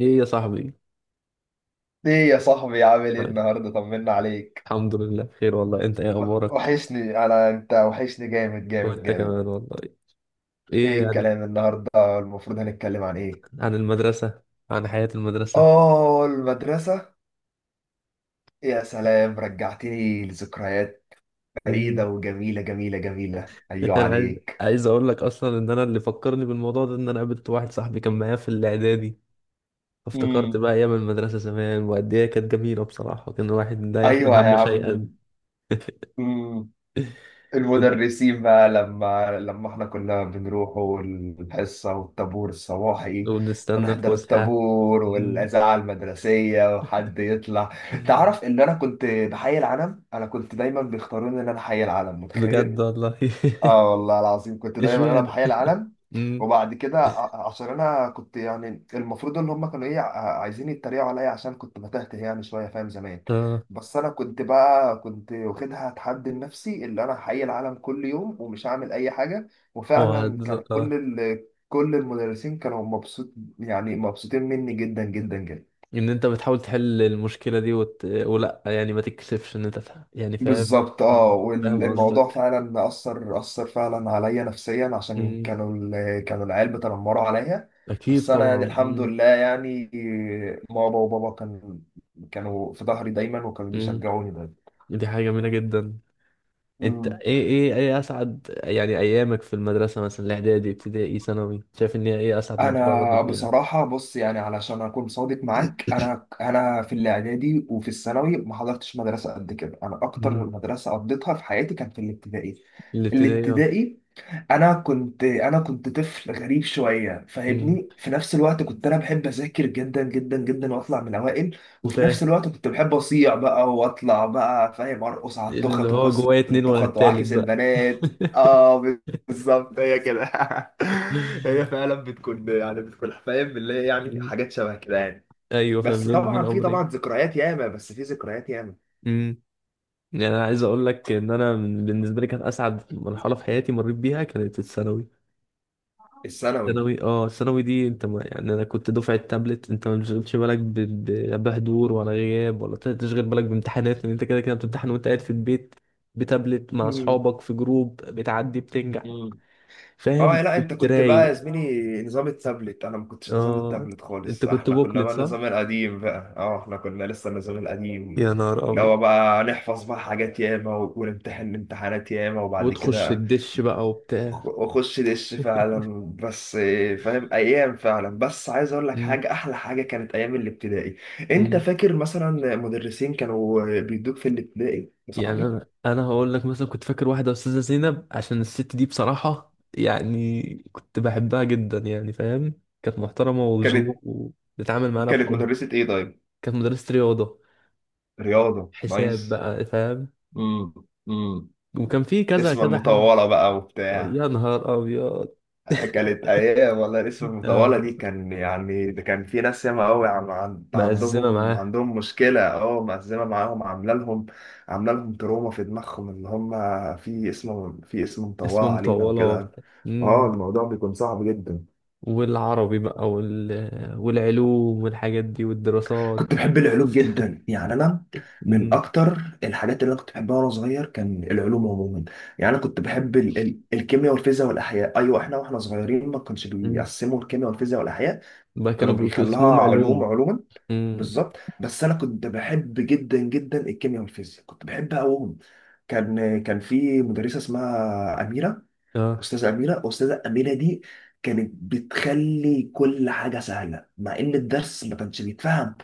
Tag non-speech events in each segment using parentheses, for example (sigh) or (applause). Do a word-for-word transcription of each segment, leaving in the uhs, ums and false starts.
ايه يا صاحبي. ايه يا صاحبي، عامل ايه يعني النهارده؟ طمنا عليك. الحمد لله بخير والله، انت ايه اخبارك؟ وحشني، انا انت وحشني جامد جامد وانت جامد. كمان والله. ايه ايه عن الكلام النهارده؟ المفروض هنتكلم عن ايه؟ عن المدرسة، عن حياة المدرسة. اه المدرسة. يا سلام، رجعتني لذكريات مم. بعيدة وجميلة جميلة جميلة. (laughs) ايوه انا عايز عليك. عايز اقول لك اصلا ان انا اللي فكرني بالموضوع ده، ان انا قابلت واحد صاحبي كان معايا في الاعدادي. فافتكرت امم بقى ايام المدرسة زمان، وقد ايه كانت جميلة بصراحة، كان الواحد لا يحمل ايوه يا هم عم. شيئا. مم. (laughs) المدرسين بقى لما لما احنا كنا بنروح الحصة والطابور الصباحي، ونستنى ونحضر الفسحة. الطابور مم. والإذاعة المدرسية وحد يطلع. تعرف إن أنا كنت بحي العلم؟ أنا كنت دايما بيختاروني إن أنا حي العلم، متخيل؟ بجد والله. آه والله العظيم، كنت (laughs) دايما أنا اشمعنى. بحي العلم. مم. وبعد كده ع- عشان انا كنت، يعني المفروض ان هم كانوا ايه، ع- عايزين يتريقوا عليا عشان كنت بتهته يعني شويه، فاهم زمان. اه. بس انا كنت بقى، كنت واخدها تحدي لنفسي اللي انا هحيي العالم كل يوم ومش هعمل اي حاجه. وفعلا وعد- كان كل ال... كل المدرسين كانوا مبسوط، يعني مبسوطين مني جدا جدا جدا. ان انت بتحاول تحل المشكلة دي وت... ولا يعني ما تكسفش ان انت تح... يعني فاهم. بالظبط اه، مم. فاهم والموضوع قصدك. فعلا اثر اثر فعلا عليا نفسيا عشان مم. كانوا ال- كانوا العيال بيتنمروا عليا. اكيد بس انا يعني طبعا. الحمد مم. لله، يعني ماما وبابا كان، كانوا في ظهري دايما وكانوا مم. بيشجعوني دايما. دي حاجة جميلة جدا. انت مم. ايه ايه ايه اسعد يعني ايامك في المدرسة، مثلا الاعدادي، ابتدائي، ثانوي، شايف ان هي ايه اسعد مرحلة مريت انا بيها؟ بصراحه بص، يعني علشان اكون صادق معاك، انا انا في الاعدادي وفي الثانوي ما حضرتش مدرسه قد كده. انا اكتر مم. مدرسه قضيتها في حياتي كان في الابتدائي. الابتدائي اه. الابتدائي، انا كنت انا كنت طفل غريب شويه مم. فاهمني. في نفس الوقت كنت انا بحب اذاكر جدا جدا جدا واطلع من الاوائل، (laughs) وفي فاهم. نفس الوقت كنت بحب اصيع بقى واطلع بقى فاهم، ارقص على اللي التخت هو واكسر جوايا اتنين ولا التخت التالت واعكس بقى. البنات. (laughs) اه بالظبط، هي كده. (laughs) هي فعلا بتكون يعني، بتكون فاهم اللي هي يعني مم. حاجات شبه كده يعني. ايوه فاهم، بس بين طبعا بين في، امرين. طبعا ذكريات ياما، بس في ذكريات ياما. يعني انا عايز اقول لك ان انا من- بالنسبه لي كانت اسعد مرحله في حياتي مريت بيها، كانت الثانوي. الثانوي. الثانوي اه، الثانوي دي انت ما يعني، انا كنت دفعه تابلت، انت ما بتشغلش بالك ب- ب- لا بحضور ولا غياب ولا ت- تشغل بالك بامتحانات، لان انت كده كده بتمتحن وانت قاعد في البيت. بتابلت مع اصحابك في جروب، بتعدي بتنجح. مم. اه فاهم، لا، انت كنت كنت بقى يا رايق. زميلي نظام التابلت، انا ما كنتش نظام اه. التابلت انت خالص، كنت احنا كنا بوكلت بقى صح؟ النظام القديم بقى. اه احنا كنا لسه النظام القديم، يا نهار اللي ابيض. هو بقى نحفظ بقى حاجات ياما، و- ونمتحن امتحانات ياما، وبعد وتخش كده الدش بقى وبتاع. أخ- اخش دش (laughs) فعلا. بس آه، فاهم، ايام فعلا. بس عايز اقول لك حاجه، احلى حاجه كانت ايام الابتدائي. انت مم. فاكر مثلا مدرسين كانوا بيدوك في الابتدائي يا يعني صاحبي؟ انا انا هقول لك. مثلا كنت فاكر واحده استاذه زينب، عشان الست دي بصراحه يعني كنت بحبها جدا. يعني فاهم، كانت محترمه كانت، وذوق وبتتعامل معانا كانت بحب. مدرسه ايه؟ طيب، كانت مدرسه رياضه، رياضه، حساب نايس. بقى فاهم. امم امم وكان في كذا اسم كذا حد. المطولة بقى وبتاع. يا نهار ابيض. كانت أيام والله. الاسم المطولة دي آه، كان، يعني ده كان في ناس ياما أوي، عن- عن- مأزمه عندهم معاه. عندهم مشكلة، أه مأزمة معاهم، عاملة لهم، عاملة لهم تروما في دماغهم اللي هم في اسم، في اسم مطولة اسم علينا مطوله. وكده. أه مم. الموضوع بيكون صعب جدا. والعربي بقى وال... والعلوم والحاجات دي والدراسات. كنت بحب العلوم جدا، يعني انا من مم. اكتر الحاجات اللي انا كنت بحبها وانا صغير كان العلوم عموما. يعني انا كنت بحب ال ال الكيمياء والفيزياء والاحياء. ايوه احنا واحنا صغيرين ما كانش مم. بيقسموا الكيمياء والفيزياء والاحياء، بقى كانوا كانوا بيقولوا بيخلوها اسمهم علوم، علوم. علوما. مم. بالظبط. بس انا كنت بحب جدا جدا الكيمياء والفيزياء، كنت بحبها قوي. كان كان في مدرسه اسمها اميره، اه، استاذه اميره. استاذه اميره دي كانت بتخلي كل حاجه سهله، مع ان الدرس ما كانش بيتفهم.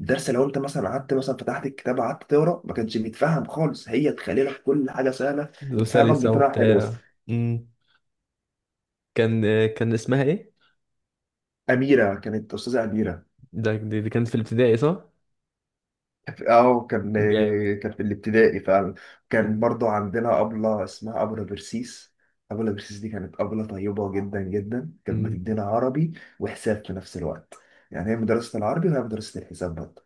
الدرس لو انت مثلا قعدت مثلا فتحت الكتاب قعدت تقرا ما كانش بيتفهم خالص، هي تخلي لك كل حاجه سهله وتفهمك وسلسة بطريقه حلوه. وبتاع. امم. كان كان اسمها ايه؟ اميره، كانت استاذه اميره. ده دي, دي كانت في الابتدائي صح؟ اه كان، جامد. كان في الابتدائي فعلا. كان مم. برضو عندنا ابله اسمها ابله برسيس. ابله برسيس دي كانت ابله طيبه جدا جدا. كانت مم. بتدينا عربي وحساب في نفس الوقت، يعني هي مدرسه العربي وهي مدرسه الحساب برضه.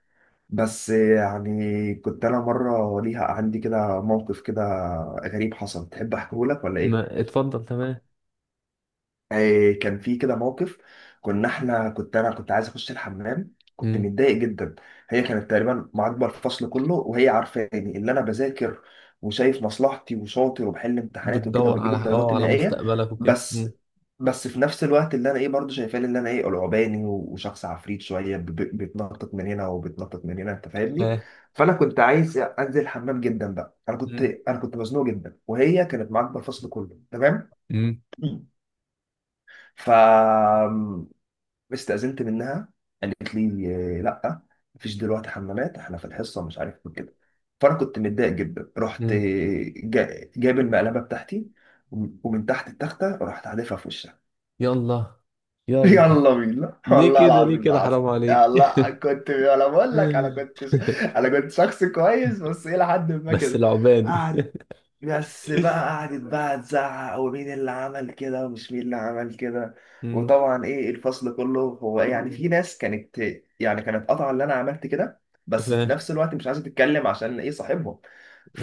بس يعني كنت انا مره ليها عندي كده موقف كده غريب حصل، تحب احكيه لك ولا ايه؟ ما اتفضل، تمام. آه، كان في كده موقف. كنا احنا، كنت انا كنت عايز اخش الحمام، كنت مم. متضايق جدا. هي كانت تقريبا معاقبه الفصل كله، وهي عارفاني اللي انا بذاكر وشايف مصلحتي وشاطر وبحل امتحانات وكده بتدور وبجيب على الدرجات اه على النهائيه. مستقبلك وكده. بس مم. بس في نفس الوقت اللي انا ايه برضه شايفاني اللي انا ايه قلعباني وشخص عفريت شويه، ب- ب- بيتنطط من هنا وبيتنطط من هنا انت فاهمني. ها. فانا كنت عايز انزل الحمام جدا بقى، انا كنت مم. انا كنت مزنوق جدا وهي كانت معاقبه الفصل كله، تمام. مم. ف، استأذنت منها. قالت لي آه، لا، مفيش دلوقتي حمامات، احنا في الحصه مش عارف إيه كده. فانا كنت متضايق جدا، رحت آه، مم. جا- جايب المقلبه بتاعتي، وم- ومن تحت التخته رحت حادفها في وشها. يلا (laughs) يلا، يلا بينا، ليه والله كده، ليه العظيم ده كده، حصل. حرام عليك. يلا، أنا كنت انا بقول لك انا كنت (laughs) انا كنت شخص كويس بس الى حد ما بس كده. العبادي. قعد، بس بقى (laughs) قعدت بقى تزعق ومين اللي عمل كده ومش مين اللي عمل كده. مم. وطبعا ايه الفصل كله هو، يعني في ناس كانت، يعني كانت قاطعه اللي انا عملت كده، ف بس في نفس الوقت مش عايزه تتكلم عشان ايه صاحبهم.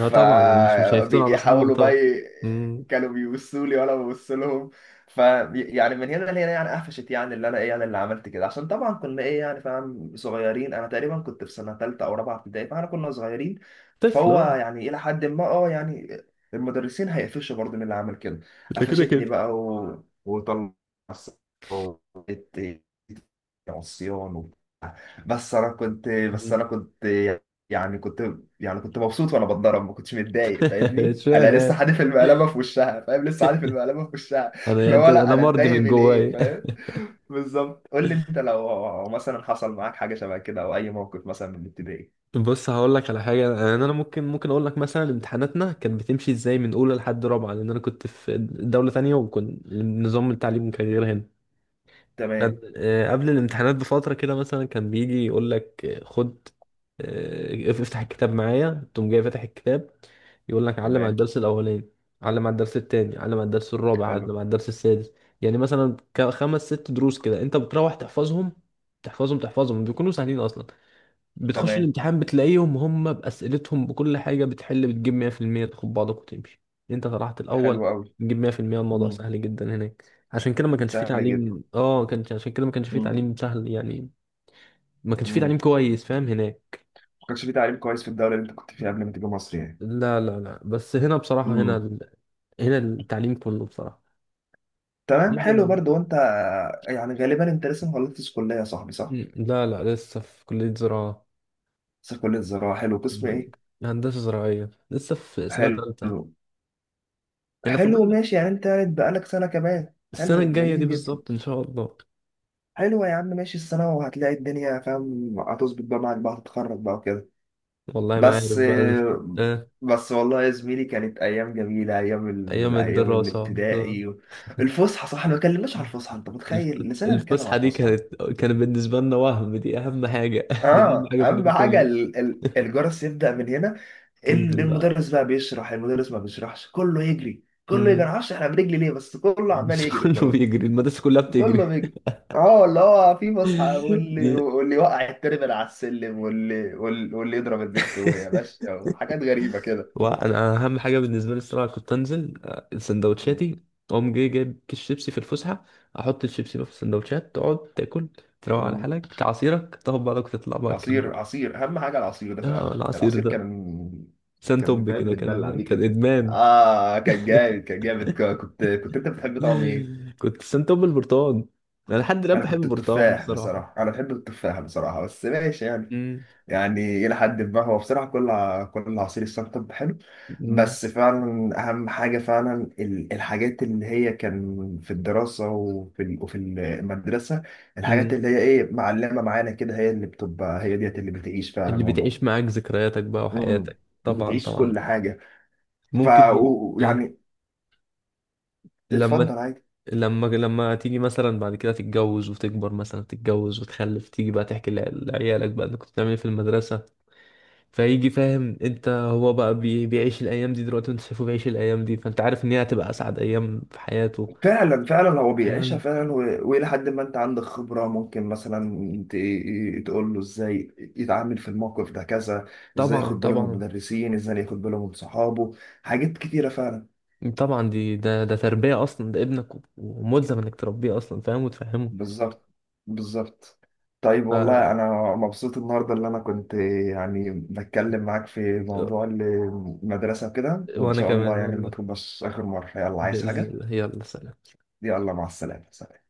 اه طبعا، يعني مش مش هيفتون على اصحابهم بقى طبعا. ي- مم. كانوا بيبصوا لي وانا ببص لهم. ف، يعني من هنا لهنا يعني قفشت، يعني اللي انا ايه يعني اللي عملت كده، عشان طبعا كنا ايه يعني فاهم صغيرين، انا تقريبا كنت في سنه ثالثه او رابعه ابتدائي، فاحنا كنا صغيرين. طفل فهو اه. يعني الى حد ما اه يعني المدرسين هيقفشوا برضه من اللي عمل كده. ده كده قفشتني كده. بقى و... وطلعت عصيان و... بس انا كنت بس مم. انا كنت يعني كنت يعني كنت مبسوط وانا بتضرب ما كنتش متضايق (laughs) فاهمني، اشمعنى انا لسه يعني؟ حادف المقلبه في وشها فاهم، لسه (laughs) حادف المقلبه في وشها. (laughs) انا اللي يعني هو لا انا انا مرضي اتضايق من من ايه جوايا. فاهم. بالظبط. قول لي انت لو مثلا حصل معاك حاجه شبه كده او اي موقف مثلا من الابتدائي. (laughs) بص، هقول لك على حاجه. يعني انا ممكن ممكن اقول لك، مثلا امتحاناتنا كانت بتمشي ازاي من اولى لحد رابعه، لان انا كنت في دوله تانية، وكنت نظام التعليم كان غير هنا. كان تمام. آه، قبل الامتحانات بفتره كده مثلا كان بيجي يقول لك آه، خد، آه، افتح الكتاب معايا، تقوم جاي فاتح الكتاب. يقول لك علم على تمام. الدرس الاولاني، علم على الدرس التاني، علم على الدرس الرابع، علم حلو. على الدرس السادس. يعني مثلا ك- خمس ست دروس كده، انت بتروح تحفظهم. تحفظهم تحفظهم بيكونوا سهلين اصلا. بتخش تمام. الامتحان بتلاقيهم هم بأسئلتهم، بكل حاجة بتحل، بتجيب مية في المية، تاخد بعضك وتمشي. انت طلعت حلو الأول. قوي. بتجيب مية في المية، الموضوع سهل جدا هناك. عشان كده ما كانش فيه سهل تعليم، اه كان عشان كده ما كانش فيه جدا. تعليم، سهل يعني. ما كانش فيه تعليم مم. كويس فاهم هناك. ما كانش في تعليم كويس في الدوله اللي انت كنت فيها قبل ما تيجي مصر يعني؟ لا لا لا، بس هنا بصراحة، هنا مم. ال... هنا التعليم كله بصراحة. تمام، ليه حلو هنا؟ برضو. وانت يعني غالبا انت لسه ما خلصتش كليه يا صاحبي، صح؟ مم، لا لا، لسه في كلية زراعة. بس كليه زراعه، حلو، قسم مم، ايه؟ هندسة زراعية، لسه في سنة حلو. تالتة. يعني حلو، فاضل. ماشي. يعني انت بقالك سنه كمان، السنة حلو الجاية دي جميل جدا. بالظبط إن شاء الله. حلو يا عم، ماشي السنه وهتلاقي الدنيا فاهم هتظبط بقى معاك، بقى هتتخرج بقى وكده. والله ما عارف بس، بقى. آه. بس والله يا زميلي كانت ايام جميله، ايام ال... أيام ايام الدراسة آه. الابتدائي. الفسحه، صح ما اتكلمناش على الفسحه. انت الف- متخيل لسنا بنتكلم الفسحة على دي الفسحه؟ كانت كانت بالنسبة لنا وهم، دي أهم حاجة. (laughs) دي أهم اه حاجة في اهم اليوم حاجه، كله. ال- ال- الجرس يبدا من هنا، ال- تنزل بقى. المدرس بقى بيشرح، المدرس ما بيشرحش، كله يجري كله يجري، مم. معرفش احنا بنجري ليه، بس كله عمال بس (laughs) يجري كله وخلاص. بيجري، المدرسة كلها بتجري. كله بيجري. اه اللي هو في فسحه، (laughs) واللي دي- واللي يوقع التربل على السلم، واللي وال- واللي يضرب البت وهي ماشيه، وحاجات غريبه كده. وأنا أهم حاجة بالنسبة لي الصراحة كنت أنزل آه، مم. سندوتشاتي. أقوم جاي جايب كيس شيبسي في الفسحة، أحط الشيبسي بقى في السندوتشات، تقعد تاكل، تروق على مم. حالك، تعصيرك، تاخد بعضك وتطلع بقى تكمل. عصير، عصير اهم حاجه، العصير ده اه، فعلا، العصير العصير ده كان، كان سنتوب فاهم كده بتبلع كان بيه كان كده. ادمان. اه كان جامد، كان جامد، ك- كنت كنت انت بتحب طعم ايه؟ (laughs) كنت سنتوب البرتقال. انا لحد الان انا بحب كنت البرتقال التفاح بصراحه. بصراحه، انا بحب التفاح بصراحه بس ماشي يعني. مم. يعني الى حد ما هو بصراحه كل ع- كل عصير السنتب حلو. مم. بس فعلا اهم حاجه فعلا، ال- الحاجات اللي هي كان في الدراسه وفي ال- وفي المدرسه، الحاجات مم. اللي هي ايه معلمه معانا كده، هي اللي بتبقى هي ديت اللي بتعيش اللي فعلا بتعيش والله. معاك ذكرياتك بقى امم وحياتك، طبعا بتعيش طبعا. كل حاجه. ف ممكن. و- آه، يعني لما اتفضل عادي. لما لما تيجي مثلا بعد كده تتجوز وتكبر، مثلا تتجوز وتخلف، تيجي بقى تحكي لع- لعيالك بقى انك كنت بتعمل ايه في المدرسة. فيجي فاهم انت، هو بقى بي- بيعيش الايام دي دلوقتي وانت شايفه بيعيش الايام دي، فانت عارف ان هي هتبقى اسعد ايام في حياته. فعلا فعلا هو بيعيشها فعلا، و- والى حد ما انت عندك خبره ممكن مثلا ت- تقول له ازاي يتعامل في الموقف ده كذا، ازاي طبعا ياخد باله من طبعا. المدرسين، ازاي ياخد باله من صحابه، حاجات كتيره فعلا. طبعا دي ده ده تربية أصلا، ده ابنك و- وملزم إنك تربيه أصلا، فاهم، وتفهمه. بالظبط، بالظبط. طيب والله آه. انا مبسوط النهارده، اللي انا كنت يعني بتكلم معاك في موضوع المدرسه كده، وان وأنا شاء الله كمان يعني ما والله. تبقاش اخر مره. يلا، عايز بإذن حاجه؟ الله، يلا سلام. يلا، مع السلامه.